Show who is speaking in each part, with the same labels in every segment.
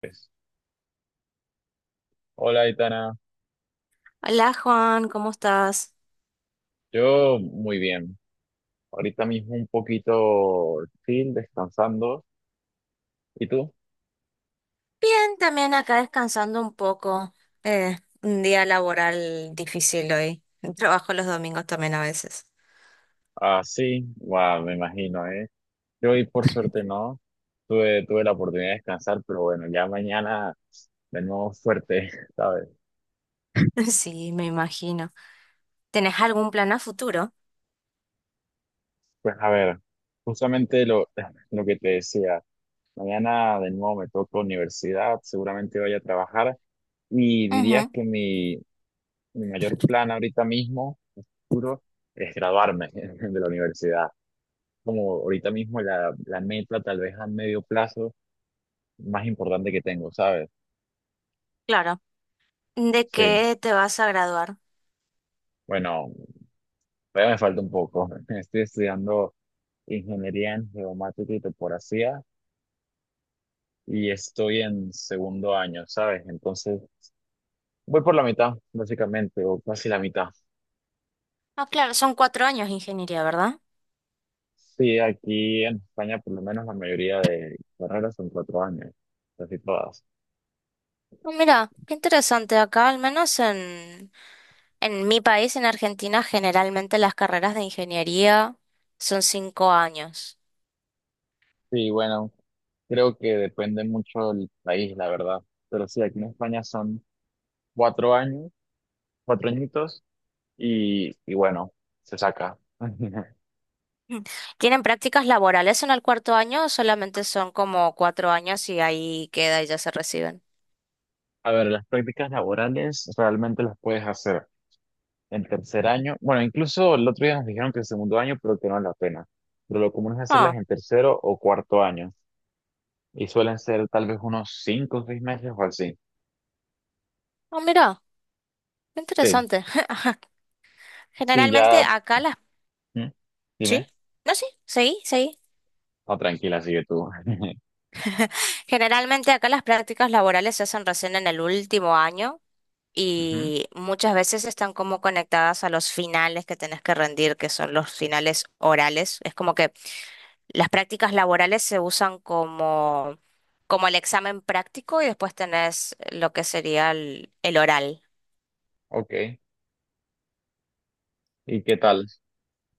Speaker 1: Pues, hola, Itana.
Speaker 2: Hola Juan, ¿cómo estás?
Speaker 1: Yo muy bien. Ahorita mismo un poquito chill, descansando. ¿Y tú?
Speaker 2: Bien, también acá descansando un poco. Eh, un día laboral difícil hoy. Trabajo los domingos también a veces.
Speaker 1: Ah, sí. Guau, me imagino, ¿eh? Yo hoy por suerte no. Tuve la oportunidad de descansar, pero bueno, ya mañana de nuevo fuerte, ¿sabes?
Speaker 2: Sí, me imagino. ¿Tenés algún plan a futuro?
Speaker 1: Pues a ver, justamente lo que te decía. Mañana de nuevo me toca universidad, seguramente vaya a trabajar y diría
Speaker 2: Ujú,
Speaker 1: que mi mayor plan ahorita mismo, a futuro, es graduarme de la universidad. Como ahorita mismo la meta, tal vez a medio plazo, más importante que tengo, ¿sabes?
Speaker 2: claro. ¿De
Speaker 1: Sí.
Speaker 2: qué te vas a graduar?
Speaker 1: Bueno, todavía me falta un poco. Estoy estudiando ingeniería en geomática y topografía y estoy en 2.º año, ¿sabes? Entonces, voy por la mitad, básicamente, o casi la mitad.
Speaker 2: Ah, claro, son 4 años de ingeniería, ¿verdad?
Speaker 1: Sí, aquí en España, por lo menos la mayoría de carreras son 4 años, casi todas.
Speaker 2: Ah, mira, qué interesante. Acá, al menos en mi país, en Argentina, generalmente las carreras de ingeniería son 5 años.
Speaker 1: Sí, bueno, creo que depende mucho del país, la verdad. Pero sí, aquí en España son 4 años, cuatro añitos, y, bueno, se saca.
Speaker 2: ¿Tienen prácticas laborales en el cuarto año o solamente son como 4 años y ahí queda y ya se reciben?
Speaker 1: A ver, las prácticas laborales realmente las puedes hacer en 3.er año. Bueno, incluso el otro día nos dijeron que en 2.º año, pero que no es la pena. Pero lo común es hacerlas
Speaker 2: Ah,
Speaker 1: en tercero o 4.º año. Y suelen ser tal vez unos 5 o 6 meses o así.
Speaker 2: ah, mira, qué
Speaker 1: Sí,
Speaker 2: interesante.
Speaker 1: sí,
Speaker 2: Generalmente
Speaker 1: ya.
Speaker 2: acá las...
Speaker 1: ¿Mm?
Speaker 2: ¿Sí?
Speaker 1: Dime.
Speaker 2: No, sí, sí.
Speaker 1: No, tranquila, sigue tú.
Speaker 2: Generalmente acá las prácticas laborales se hacen recién en el último año
Speaker 1: Ujú.
Speaker 2: y muchas veces están como conectadas a los finales que tenés que rendir, que son los finales orales. Es como que las prácticas laborales se usan como, como el examen práctico y después tenés lo que sería el oral.
Speaker 1: Ok. ¿Y qué tal?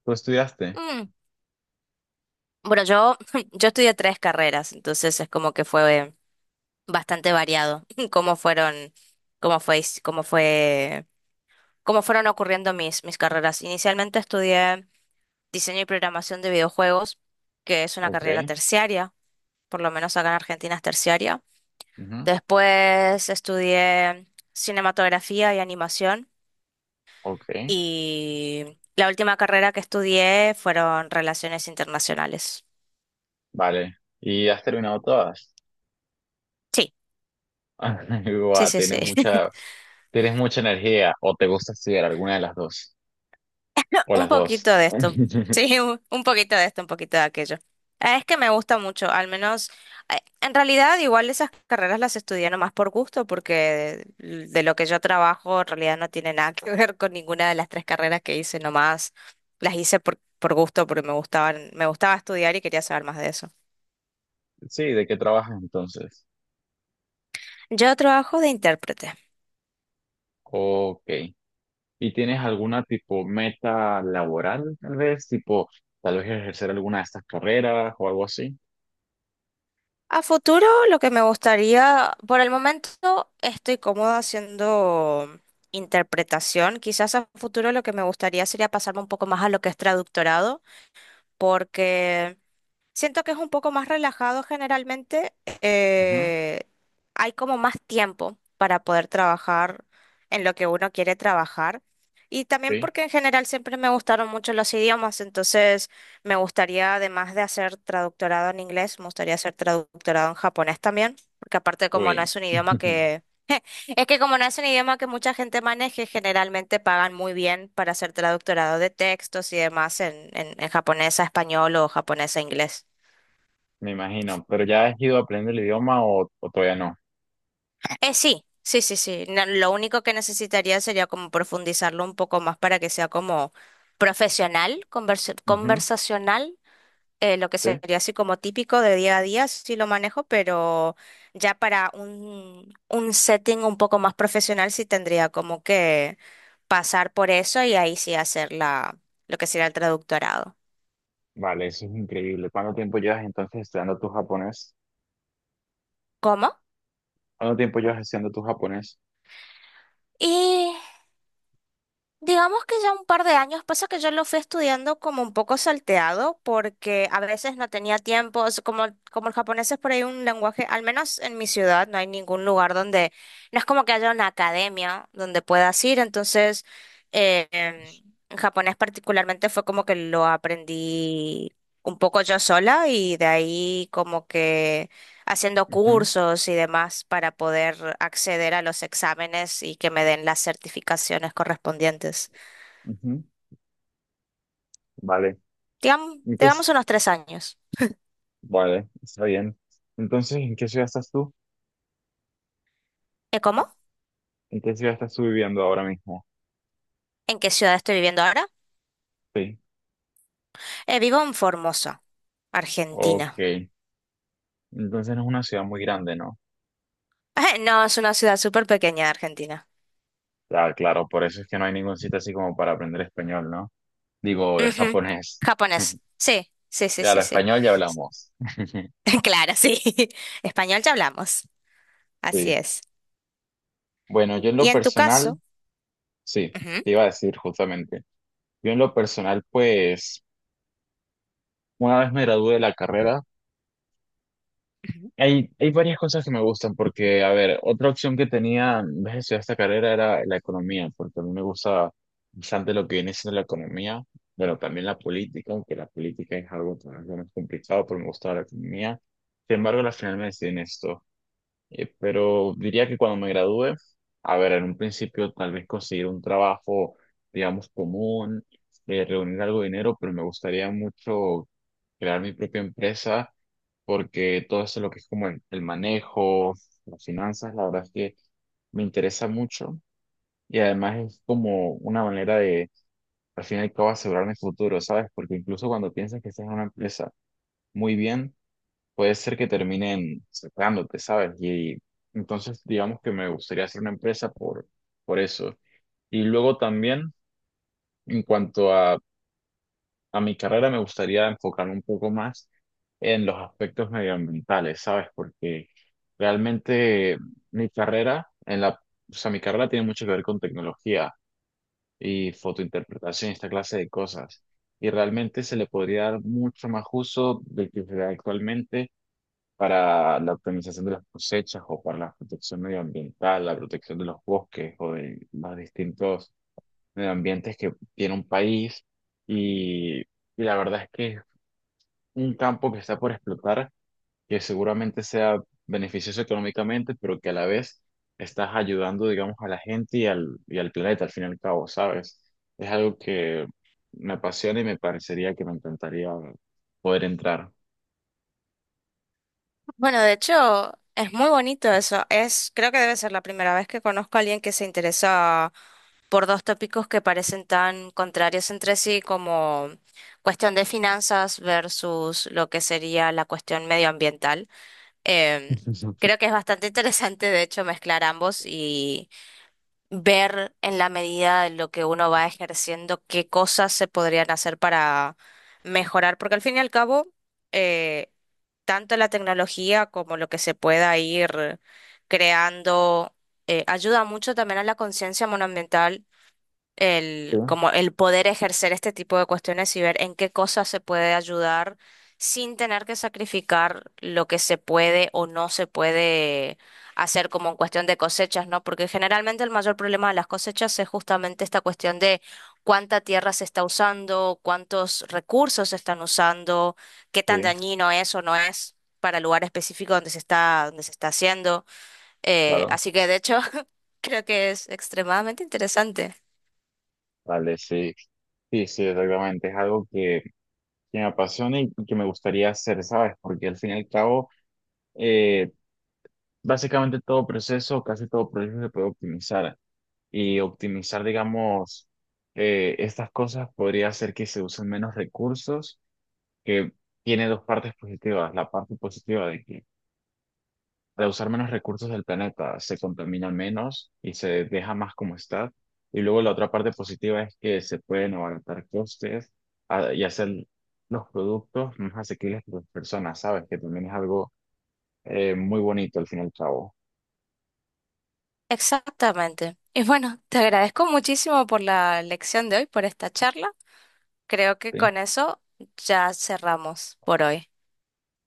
Speaker 1: ¿Tú estudiaste?
Speaker 2: Mm, Bueno, yo estudié tres carreras, entonces es como que fue bastante variado. cómo fueron, cómo cómo fueron ocurriendo mis carreras. Inicialmente estudié diseño y programación de videojuegos, que es una carrera
Speaker 1: Ok.
Speaker 2: terciaria, por lo menos acá en Argentina es terciaria.
Speaker 1: Ujú.
Speaker 2: Después estudié cinematografía y animación.
Speaker 1: Ok.
Speaker 2: Y la última carrera que estudié fueron relaciones internacionales.
Speaker 1: Vale. ¿Y has terminado todas?
Speaker 2: Sí, sí,
Speaker 1: Guau,
Speaker 2: sí, sí.
Speaker 1: tienes mucha energía. ¿O te gusta estudiar alguna de las dos? O
Speaker 2: Un
Speaker 1: las dos.
Speaker 2: poquito de esto. Sí, un poquito de esto, un poquito de aquello. Es que me gusta mucho, al menos, en realidad igual esas carreras las estudié nomás por gusto, porque de lo que yo trabajo en realidad no tiene nada que ver con ninguna de las tres carreras que hice, nomás las hice por gusto, porque me gustaban, me gustaba estudiar y quería saber más de eso.
Speaker 1: Sí, ¿de qué trabajas entonces?
Speaker 2: Yo trabajo de intérprete.
Speaker 1: Ok. ¿Y tienes alguna tipo meta laboral, tal vez? Tipo, tal vez ejercer alguna de estas carreras o algo así.
Speaker 2: A futuro, lo que me gustaría, por el momento estoy cómoda haciendo interpretación. Quizás a futuro lo que me gustaría sería pasarme un poco más a lo que es traductorado, porque siento que es un poco más relajado generalmente.
Speaker 1: Ujú.
Speaker 2: eh, Hay como más tiempo para poder trabajar en lo que uno quiere trabajar. Y también
Speaker 1: Sí.
Speaker 2: porque en general siempre me gustaron mucho los idiomas, entonces me gustaría, además de hacer traductorado en inglés, me gustaría hacer traductorado en japonés también, porque aparte como no
Speaker 1: Uy.
Speaker 2: es un idioma que... Es que como no es un idioma que mucha gente maneje, generalmente pagan muy bien para hacer traductorado de textos y demás en japonés a español o japonés a inglés.
Speaker 1: Me imagino. ¿Pero ya has ido aprendiendo el idioma o todavía
Speaker 2: Sí, sí, sí, sí. Lo único que necesitaría sería como profundizarlo un poco más para que sea como profesional,
Speaker 1: no?
Speaker 2: conversacional, lo que
Speaker 1: Sí,
Speaker 2: sería así como típico de día a día, sí lo manejo, pero ya para un setting un poco más profesional sí tendría como que pasar por eso y ahí sí hacer lo que sería el traductorado.
Speaker 1: vale, eso es increíble. ¿Cuánto tiempo llevas entonces estudiando tu japonés?
Speaker 2: ¿Cómo?
Speaker 1: ¿Cuánto tiempo llevas estudiando tu japonés?
Speaker 2: Digamos que ya un par de años, pasa que yo lo fui estudiando como un poco salteado, porque a veces no tenía tiempo, como el japonés es por ahí un lenguaje, al menos en mi ciudad no hay ningún lugar donde, no es como que haya una academia donde puedas ir, entonces eh, em, en japonés particularmente fue como que lo aprendí un poco yo sola y de ahí como que haciendo
Speaker 1: Ujú,
Speaker 2: cursos y demás para poder acceder a los exámenes y que me den las certificaciones correspondientes.
Speaker 1: ujú. Vale, ¿en qué es?
Speaker 2: Digamos unos 3 años.
Speaker 1: Vale, está bien. Entonces, ¿en qué ciudad estás tú?
Speaker 2: Cómo?
Speaker 1: ¿En qué ciudad estás tú viviendo ahora mismo?
Speaker 2: ¿En qué ciudad estoy viviendo ahora?
Speaker 1: Sí,
Speaker 2: Vivo en Formosa, Argentina.
Speaker 1: ok. Entonces no es una ciudad muy grande, ¿no?
Speaker 2: No, es una ciudad súper pequeña de Argentina.
Speaker 1: Ah, claro, por eso es que no hay ningún sitio así como para aprender español, ¿no? Digo, es
Speaker 2: Ujú.
Speaker 1: japonés.
Speaker 2: Japonés. Sí, sí, sí,
Speaker 1: Claro,
Speaker 2: sí, sí.
Speaker 1: español ya hablamos.
Speaker 2: Claro, sí. Español ya hablamos. Así
Speaker 1: Sí.
Speaker 2: es.
Speaker 1: Bueno, yo en
Speaker 2: ¿Y
Speaker 1: lo
Speaker 2: en tu
Speaker 1: personal,
Speaker 2: caso?
Speaker 1: sí,
Speaker 2: Ujú.
Speaker 1: te iba a decir justamente. Yo en lo personal, pues, una vez me gradué de la carrera, hay varias cosas que me gustan porque, a ver, otra opción que tenía en vez de estudiar esta carrera era la economía, porque a mí me gusta bastante lo que viene siendo la economía, pero también la política, aunque la política es algo todavía más complicado, pero me gusta la economía. Sin embargo, al final me decidí en esto. Pero diría que cuando me gradúe, a ver, en un principio tal vez conseguir un trabajo, digamos, común, reunir algo de dinero, pero me gustaría mucho crear mi propia empresa porque todo eso lo que es como el manejo, las finanzas, la verdad es que me interesa mucho y además es como una manera de, al fin y al cabo, asegurar mi futuro, ¿sabes? Porque incluso cuando piensas que estás en una empresa muy bien, puede ser que terminen cerrándote, ¿sabes? Y entonces, digamos que me gustaría hacer una empresa por eso. Y luego también, en cuanto a mi carrera, me gustaría enfocarme un poco más en los aspectos medioambientales, ¿sabes? Porque realmente mi carrera, o sea, mi carrera tiene mucho que ver con tecnología y fotointerpretación y esta clase de cosas. Y realmente se le podría dar mucho más uso del que se da actualmente para la optimización de las cosechas o para la protección medioambiental, la protección de los bosques o de los distintos medioambientes que tiene un país. Y la verdad es que es un campo que está por explotar, que seguramente sea beneficioso económicamente, pero que a la vez estás ayudando, digamos, a la gente y y al planeta, al fin y al cabo, ¿sabes? Es algo que me apasiona y me parecería que me encantaría poder entrar.
Speaker 2: Bueno, de hecho, es muy bonito eso. Es, creo que debe ser la primera vez que conozco a alguien que se interesa por dos tópicos que parecen tan contrarios entre sí, como cuestión de finanzas versus lo que sería la cuestión medioambiental. Em, creo que es bastante interesante, de hecho, mezclar ambos, ver en la medida de lo que uno va ejerciendo qué cosas se podrían hacer para mejorar, porque al fin y al cabo, eh, tanto la tecnología como lo que se pueda ir creando, ayuda mucho también a la conciencia monoambiental,
Speaker 1: Sí,
Speaker 2: como el poder ejercer este tipo de cuestiones y ver en qué cosas se puede ayudar sin tener que sacrificar lo que se puede o no se puede hacer como en cuestión de cosechas, ¿no? Porque generalmente el mayor problema de las cosechas es justamente esta cuestión de cuánta tierra se está usando, cuántos recursos se están usando, qué
Speaker 1: sí,
Speaker 2: tan dañino es o no es para el lugar específico donde se está haciendo.
Speaker 1: claro.
Speaker 2: Así que de hecho creo que es extremadamente interesante.
Speaker 1: Vale, sí, sí, sí, exactamente. Es algo que me apasiona y que me gustaría hacer, ¿sabes? Porque al fin y al cabo, eh, básicamente todo proceso, casi todo proceso se puede optimizar. Y optimizar, digamos, estas cosas podría hacer que se usen menos recursos, que tiene dos partes positivas. La parte positiva de que de usar menos recursos del planeta, se contamina menos y se deja más como está. Y luego la otra parte positiva es que se pueden abaratar costes a- y hacer los productos más asequibles para las personas, ¿sabes? Que también es algo muy bonito al fin y al cabo,
Speaker 2: Exactamente. Y bueno, te agradezco muchísimo por la lección de hoy, por esta charla. Creo que
Speaker 1: ¿sí?
Speaker 2: con eso ya cerramos por hoy.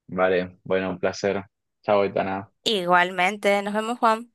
Speaker 1: Vale, bueno, un placer. Chao, Itana.
Speaker 2: Igualmente, nos vemos, Juan.